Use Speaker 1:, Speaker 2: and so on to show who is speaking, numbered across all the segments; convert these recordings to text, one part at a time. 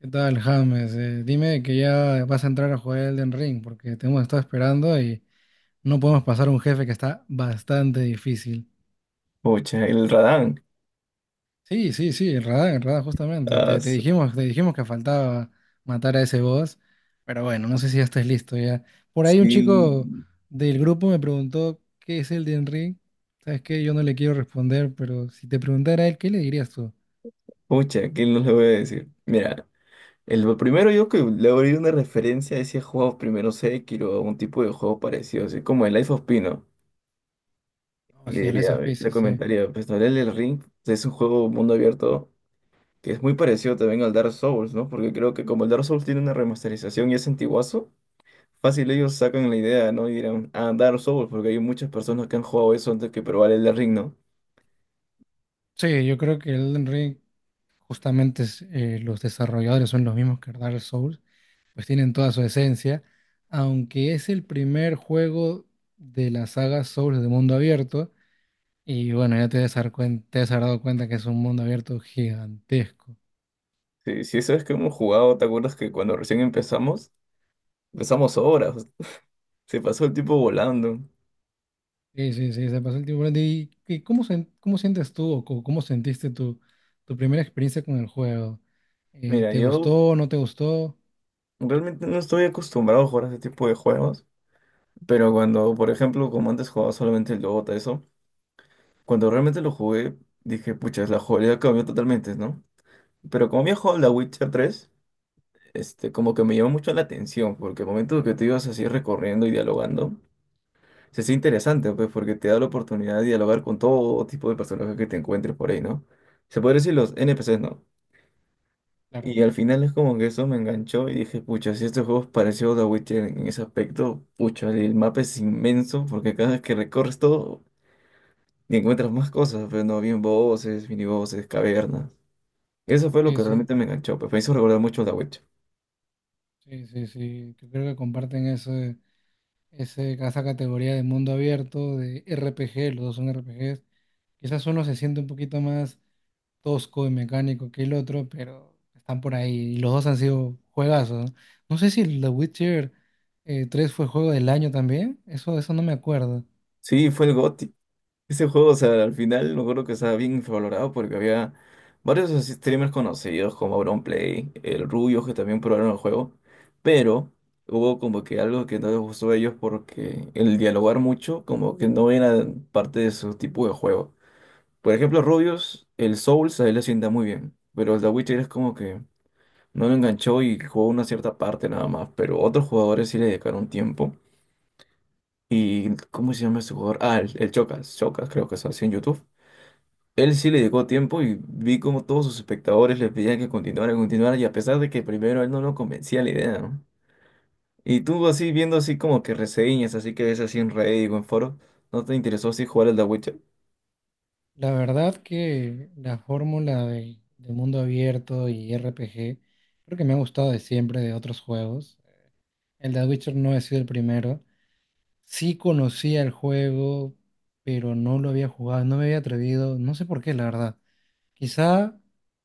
Speaker 1: ¿Qué tal, James? Dime que ya vas a entrar a jugar Elden Ring, porque te hemos estado esperando y no podemos pasar un jefe que está bastante difícil.
Speaker 2: Pucha, el Radán.
Speaker 1: Sí, sí, sí, en Radahn, justamente.
Speaker 2: Ah,
Speaker 1: Te
Speaker 2: su-
Speaker 1: dijimos, te dijimos que faltaba matar a ese boss, pero bueno, no sé si ya estás listo ya. Por ahí un chico
Speaker 2: sí.
Speaker 1: del grupo me preguntó qué es Elden Ring. Sabes que yo no le quiero responder, pero si te preguntara a él, ¿qué le dirías tú?
Speaker 2: Pucha, ¿qué no le voy a decir? Mira, el lo primero yo que le abrí una referencia a ese juego, primero Sekiro, a un tipo de juego parecido, así como el Life of Pino.
Speaker 1: O
Speaker 2: Le
Speaker 1: sea, el
Speaker 2: diría,
Speaker 1: esos sí,
Speaker 2: le
Speaker 1: sí.
Speaker 2: comentaría, pues no, el Ring es un juego mundo abierto que es muy parecido también al Dark Souls, ¿no? Porque creo que como el Dark Souls tiene una remasterización y es antiguazo, fácil ellos sacan la idea, ¿no? Y dirán, ah, Dark Souls, porque hay muchas personas que han jugado eso antes que probar el Ring, ¿no?
Speaker 1: Sí, yo creo que Elden Ring justamente es, los desarrolladores son los mismos que Dark Souls, pues tienen toda su esencia, aunque es el primer juego de la saga Souls de mundo abierto, y bueno, ya te has dado cuenta que es un mundo abierto gigantesco.
Speaker 2: Sí, sí, sabes que hemos jugado. ¿Te acuerdas que cuando recién empezamos, empezamos horas, se pasó el tiempo volando?
Speaker 1: Sí, sí, sí, se pasó el tiempo volando. ¿Cómo sientes tú o cómo sentiste tu primera experiencia con el juego?
Speaker 2: Mira,
Speaker 1: ¿Te
Speaker 2: yo
Speaker 1: gustó no te gustó?
Speaker 2: realmente no estoy acostumbrado a jugar a ese tipo de juegos, pero cuando, por ejemplo, como antes jugaba solamente el Dota, eso, cuando realmente lo jugué, dije, pucha, la jugabilidad cambió totalmente, ¿no? Pero como había jugado la Witcher 3 este, como que me llamó mucho la atención, porque el momento que te ibas así recorriendo y dialogando, se hace interesante, pues, porque te da la oportunidad de dialogar con todo tipo de personajes que te encuentres por ahí, ¿no? Se puede decir los N P NPCs, ¿no?
Speaker 1: Claro,
Speaker 2: Y al final es como que eso me enganchó y dije, pucha, si este juego es parecido a The Witcher en ese aspecto, pucha, el mapa es inmenso porque cada vez que recorres todo y encuentras más cosas, pero no, bien voces, mini voces, cavernas. Eso fue lo
Speaker 1: sí,
Speaker 2: que
Speaker 1: eso,
Speaker 2: realmente me enganchó, pues me hizo recordar mucho a The Witcher.
Speaker 1: sí, sí, sí, que creo que comparten eso, esa categoría de mundo abierto, de RPG, los dos son RPGs. Quizás uno se siente un poquito más tosco y mecánico que el otro, pero están por ahí. Y los dos han sido juegazos, ¿no? No sé si el The Witcher 3 fue juego del año también. Eso no me acuerdo.
Speaker 2: Sí, fue el GOTY. Ese juego, o sea, al final me acuerdo que estaba bien valorado porque había varios así streamers conocidos como Auronplay, el Rubio, que también probaron el juego, pero hubo como que algo que no les gustó a ellos porque el dialogar mucho como que no era parte de su tipo de juego. Por ejemplo, Rubius, el Souls a él le sienta muy bien, pero el The Witcher es como que no lo enganchó y jugó una cierta parte nada más, pero otros jugadores sí le dedicaron tiempo. ¿Y cómo se llama ese jugador? Ah, el Chocas, Chocas creo que es así en YouTube. Él sí le llegó tiempo y vi como todos sus espectadores le pedían que continuara, continuara, y a pesar de que primero él no lo convencía la idea, ¿no? Y tú así viendo así como que reseñas, así que ves así en Reddit o en foro, ¿no te interesó así jugar al The Witcher?
Speaker 1: La verdad que la fórmula de mundo abierto y RPG creo que me ha gustado de siempre de otros juegos. El The Witcher no ha sido el primero. Sí conocía el juego, pero no lo había jugado, no me había atrevido, no sé por qué, la verdad. Quizá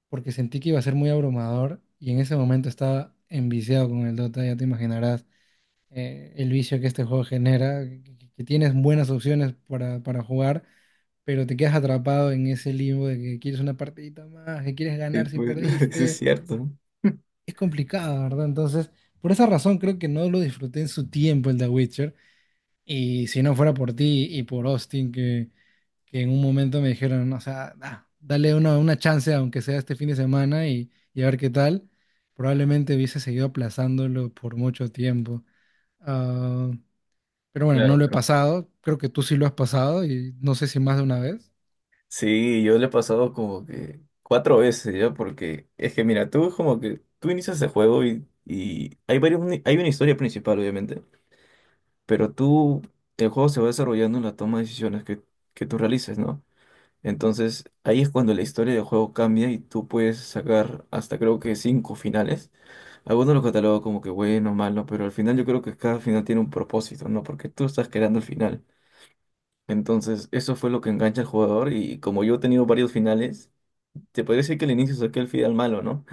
Speaker 1: porque sentí que iba a ser muy abrumador y en ese momento estaba enviciado con el Dota, ya te imaginarás el vicio que este juego genera, que tienes buenas opciones para jugar, pero te quedas atrapado en ese limbo de que quieres una partidita más, que quieres
Speaker 2: Sí,
Speaker 1: ganar si
Speaker 2: pues, eso es
Speaker 1: perdiste.
Speaker 2: cierto, ¿no?
Speaker 1: Es complicado, ¿verdad? Entonces, por esa razón creo que no lo disfruté en su tiempo el The Witcher. Y si no fuera por ti y por Austin, que en un momento me dijeron, o sea, dale una chance, aunque sea este fin de semana, y a ver qué tal, probablemente hubiese seguido aplazándolo por mucho tiempo. Ah, pero bueno, no
Speaker 2: Claro,
Speaker 1: lo he
Speaker 2: pero...
Speaker 1: pasado, creo que tú sí lo has pasado, y no sé si más de una vez.
Speaker 2: sí, yo le he pasado como que cuatro veces ya, porque es que mira, tú como que tú inicias el juego y, hay varios, hay una historia principal, obviamente, pero tú, el juego se va desarrollando en la toma de decisiones que tú realices, ¿no? Entonces, ahí es cuando la historia del juego cambia y tú puedes sacar hasta creo que cinco finales. Algunos los catalogo como que bueno, malo, pero al final yo creo que cada final tiene un propósito, ¿no? Porque tú estás creando el final. Entonces, eso fue lo que engancha al jugador y como yo he tenido varios finales, te podría decir que al inicio saqué el final malo, ¿no?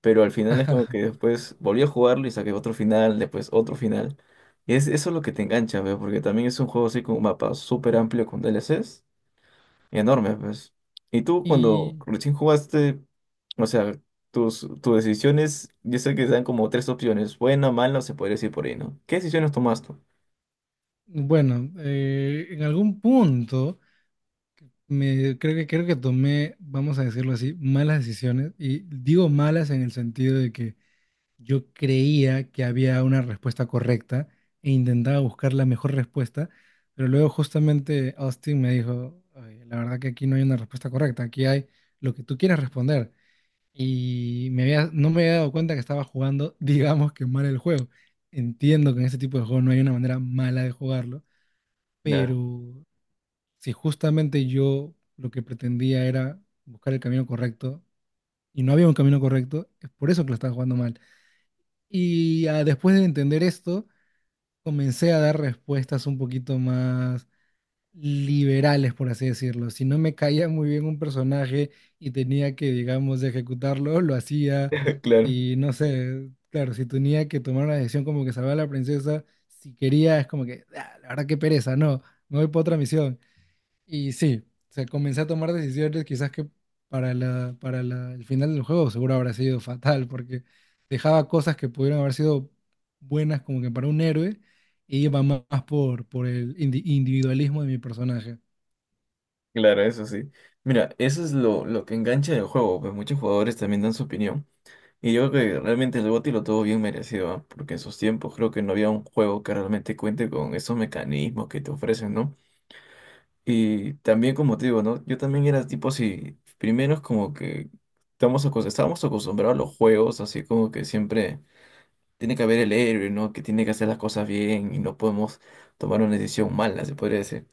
Speaker 2: Pero al final es como que después volví a jugarlo y saqué otro final, después otro final. Y es, eso es lo que te engancha, ¿ve? Porque también es un juego así con un mapa súper amplio con DLCs. Enorme, pues. Y tú cuando
Speaker 1: Y
Speaker 2: recién jugaste, o sea, tus decisiones, yo sé que dan como tres opciones, buena, mala, o se podría decir por ahí, ¿no? ¿Qué decisiones tomaste?
Speaker 1: bueno, en algún punto, creo que tomé, vamos a decirlo así, malas decisiones, y digo malas en el sentido de que yo creía que había una respuesta correcta e intentaba buscar la mejor respuesta, pero luego justamente Austin me dijo: "Oye, la verdad que aquí no hay una respuesta correcta, aquí hay lo que tú quieras responder". Y no me había dado cuenta que estaba jugando, digamos que mal el juego. Entiendo que en este tipo de juego no hay una manera mala de jugarlo,
Speaker 2: Ya.
Speaker 1: pero si justamente yo lo que pretendía era buscar el camino correcto y no había un camino correcto, es por eso que lo estaba jugando mal. Y después de entender esto, comencé a dar respuestas un poquito más liberales, por así decirlo. Si no me caía muy bien un personaje y tenía que, digamos, ejecutarlo, lo hacía.
Speaker 2: Claro,
Speaker 1: Si, no sé, claro, si tenía que tomar una decisión como que salvar a la princesa, si quería, es como que: "Ah, la verdad que pereza, no, me voy para otra misión". Y sí, se comencé a tomar decisiones quizás que para el final del juego seguro habrá sido fatal, porque dejaba cosas que pudieron haber sido buenas como que para un héroe, y iba más por el individualismo de mi personaje.
Speaker 2: claro, eso sí. Mira, eso es lo que engancha el juego, pues muchos jugadores también dan su opinión. Y yo creo que realmente el GOTY lo tuvo bien merecido, ¿ah? Porque en sus tiempos creo que no había un juego que realmente cuente con esos mecanismos que te ofrecen, ¿no? Y también como te digo, ¿no? Yo también era tipo así, primero es como que estábamos acostumbrados a los juegos, así como que siempre tiene que haber el héroe, ¿no? Que tiene que hacer las cosas bien y no podemos tomar una decisión mala, se podría decir.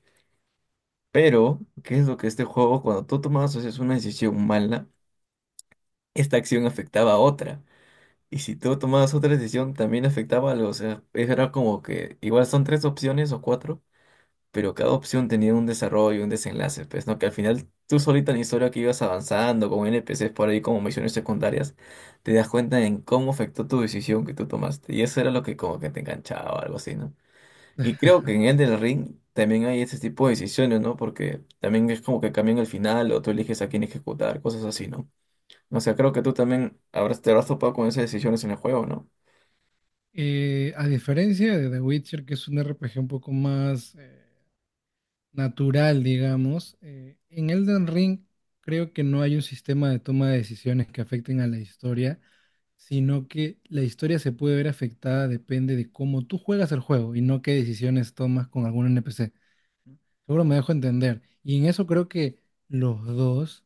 Speaker 2: Pero ¿qué es lo que este juego, cuando tú tomabas, o sea, una decisión mala, esta acción afectaba a otra? Y si tú tomabas otra decisión, también afectaba a los... o sea, era como que igual son tres opciones o cuatro, pero cada opción tenía un desarrollo, un desenlace, pues, ¿no? Que al final tú solita en la historia que ibas avanzando con NPCs por ahí como misiones secundarias, te das cuenta en cómo afectó tu decisión que tú tomaste. Y eso era lo que como que te enganchaba o algo así, ¿no? Y creo que en Elden Ring también hay ese tipo de decisiones, ¿no? Porque también es como que cambian el final o tú eliges a quién ejecutar, cosas así, ¿no? O sea, creo que tú también te habrás topado con esas decisiones en el juego, ¿no?
Speaker 1: A diferencia de The Witcher, que es un RPG un poco más natural, digamos, en Elden Ring creo que no hay un sistema de toma de decisiones que afecten a la historia, sino que la historia se puede ver afectada depende de cómo tú juegas el juego y no qué decisiones tomas con algún NPC. Seguro me dejo entender. Y en eso creo que los dos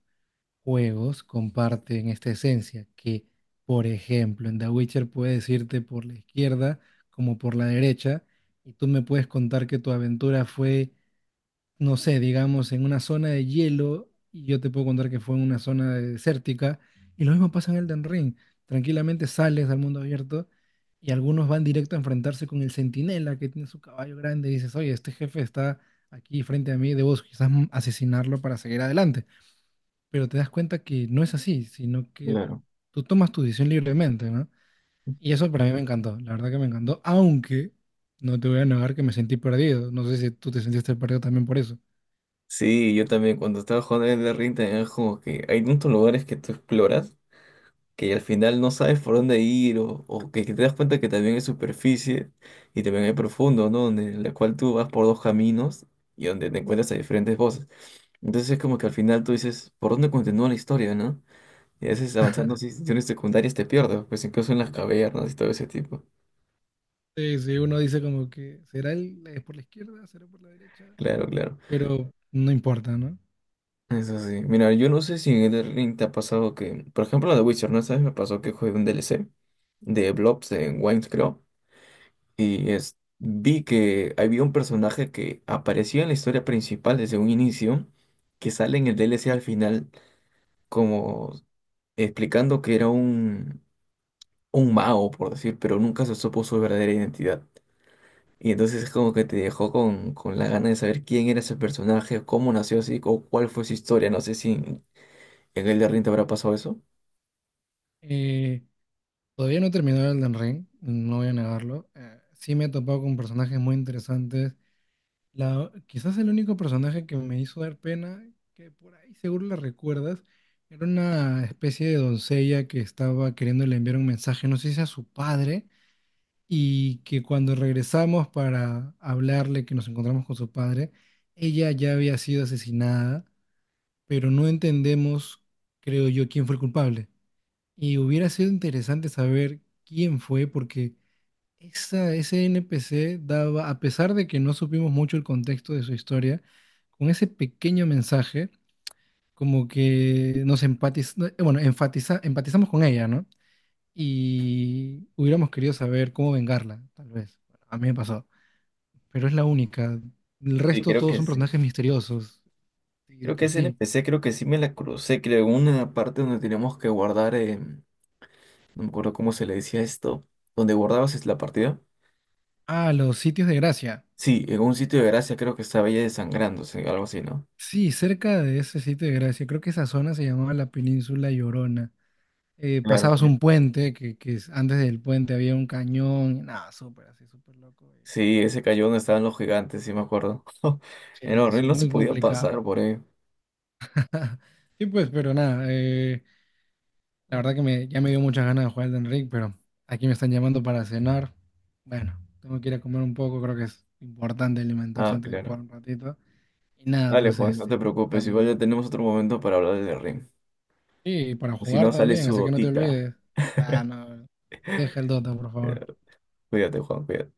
Speaker 1: juegos comparten esta esencia, que por ejemplo en The Witcher puedes irte por la izquierda como por la derecha y tú me puedes contar que tu aventura fue, no sé, digamos, en una zona de hielo, y yo te puedo contar que fue en una zona desértica, y lo mismo pasa en Elden Ring. Tranquilamente sales al mundo abierto y algunos van directo a enfrentarse con el centinela que tiene su caballo grande y dices: "Oye, este jefe está aquí frente a mí, debo quizás asesinarlo para seguir adelante". Pero te das cuenta que no es así, sino que
Speaker 2: Claro.
Speaker 1: tú tomas tu decisión libremente, ¿no? Y eso para mí me encantó, la verdad que me encantó, aunque no te voy a negar que me sentí perdido. No sé si tú te sentiste perdido también por eso.
Speaker 2: Sí, yo también cuando estaba jugando en Elden Ring también es como que hay muchos lugares que tú exploras que al final no sabes por dónde ir, o que te das cuenta que también hay superficie y también hay profundo, ¿no? Donde, en la cual tú vas por dos caminos y donde te encuentras a diferentes voces. Entonces es como que al final tú dices, ¿por dónde continúa la historia, no? Y a veces avanzando en instituciones secundarias te pierdes, pues incluso en las cavernas y todo ese tipo.
Speaker 1: Sí, sí, uno dice como que es por la izquierda, será por la derecha,
Speaker 2: Claro, claro.
Speaker 1: pero no importa, ¿no?
Speaker 2: Eso sí. Mira, yo no sé si en Elden Ring te ha pasado que, por ejemplo, la de Witcher, ¿no sabes? Me pasó que jugué un DLC de Blobs en Wayne's Club, y es, vi que había un personaje que apareció en la historia principal desde un inicio, que sale en el DLC al final, como explicando que era un mago, por decir, pero nunca se supo su verdadera identidad. Y entonces es como que te dejó con la gana de saber quién era ese personaje, cómo nació así, o cuál fue su historia. No sé si en el de Ring te habrá pasado eso.
Speaker 1: Eh, Todavía no he terminado el Ring, no voy a negarlo. Sí me he topado con personajes muy interesantes. Quizás el único personaje que me hizo dar pena, que por ahí seguro la recuerdas, era una especie de doncella que estaba queriéndole enviar un mensaje, no sé si a su padre, y que cuando regresamos para hablarle que nos encontramos con su padre, ella ya había sido asesinada, pero no entendemos, creo yo, quién fue el culpable. Y hubiera sido interesante saber quién fue, porque ese NPC daba, a pesar de que no supimos mucho el contexto de su historia, con ese pequeño mensaje, como que nos empatiz, no, bueno, enfatiza, empatizamos con ella, ¿no? Y hubiéramos querido saber cómo vengarla, tal vez. Bueno, a mí me pasó, pero es la única. El resto todos son
Speaker 2: Sí.
Speaker 1: personajes misteriosos, y de
Speaker 2: Creo que
Speaker 1: por
Speaker 2: ese
Speaker 1: sí.
Speaker 2: NPC, creo que sí me la crucé, creo, en una parte donde teníamos que guardar. No me acuerdo cómo se le decía esto, donde guardabas es la partida.
Speaker 1: Ah, los sitios de gracia.
Speaker 2: Sí, en un sitio de gracia creo que estaba ella desangrándose, algo así, ¿no?
Speaker 1: Sí, cerca de ese sitio de gracia, creo que esa zona se llamaba la Península Llorona.
Speaker 2: Claro,
Speaker 1: Pasabas
Speaker 2: claro.
Speaker 1: un puente, antes del puente había un cañón, nada, súper así, súper loco.
Speaker 2: Sí, ese cayó donde estaban los gigantes, sí me acuerdo. Era
Speaker 1: Sí, sí,
Speaker 2: horrible, no se
Speaker 1: muy
Speaker 2: podía pasar
Speaker 1: complicado.
Speaker 2: por ahí.
Speaker 1: Sí, pues, pero nada, la verdad que ya me dio muchas ganas de jugar Elden Ring, pero aquí me están llamando para cenar. Bueno, tengo que ir a comer un poco, creo que es importante alimentarse
Speaker 2: Ah,
Speaker 1: antes de
Speaker 2: claro.
Speaker 1: jugar un ratito. Y nada,
Speaker 2: Dale,
Speaker 1: pues
Speaker 2: Juan, no
Speaker 1: este,
Speaker 2: te
Speaker 1: nada
Speaker 2: preocupes,
Speaker 1: más.
Speaker 2: igual ya tenemos otro momento para hablar del ring.
Speaker 1: Sí, y para
Speaker 2: O si
Speaker 1: jugar
Speaker 2: no, sale
Speaker 1: también,
Speaker 2: su
Speaker 1: así que no te
Speaker 2: gotita.
Speaker 1: olvides. Ah, no, deja el Dota, por favor.
Speaker 2: Eh, Cuídate, Juan, cuídate.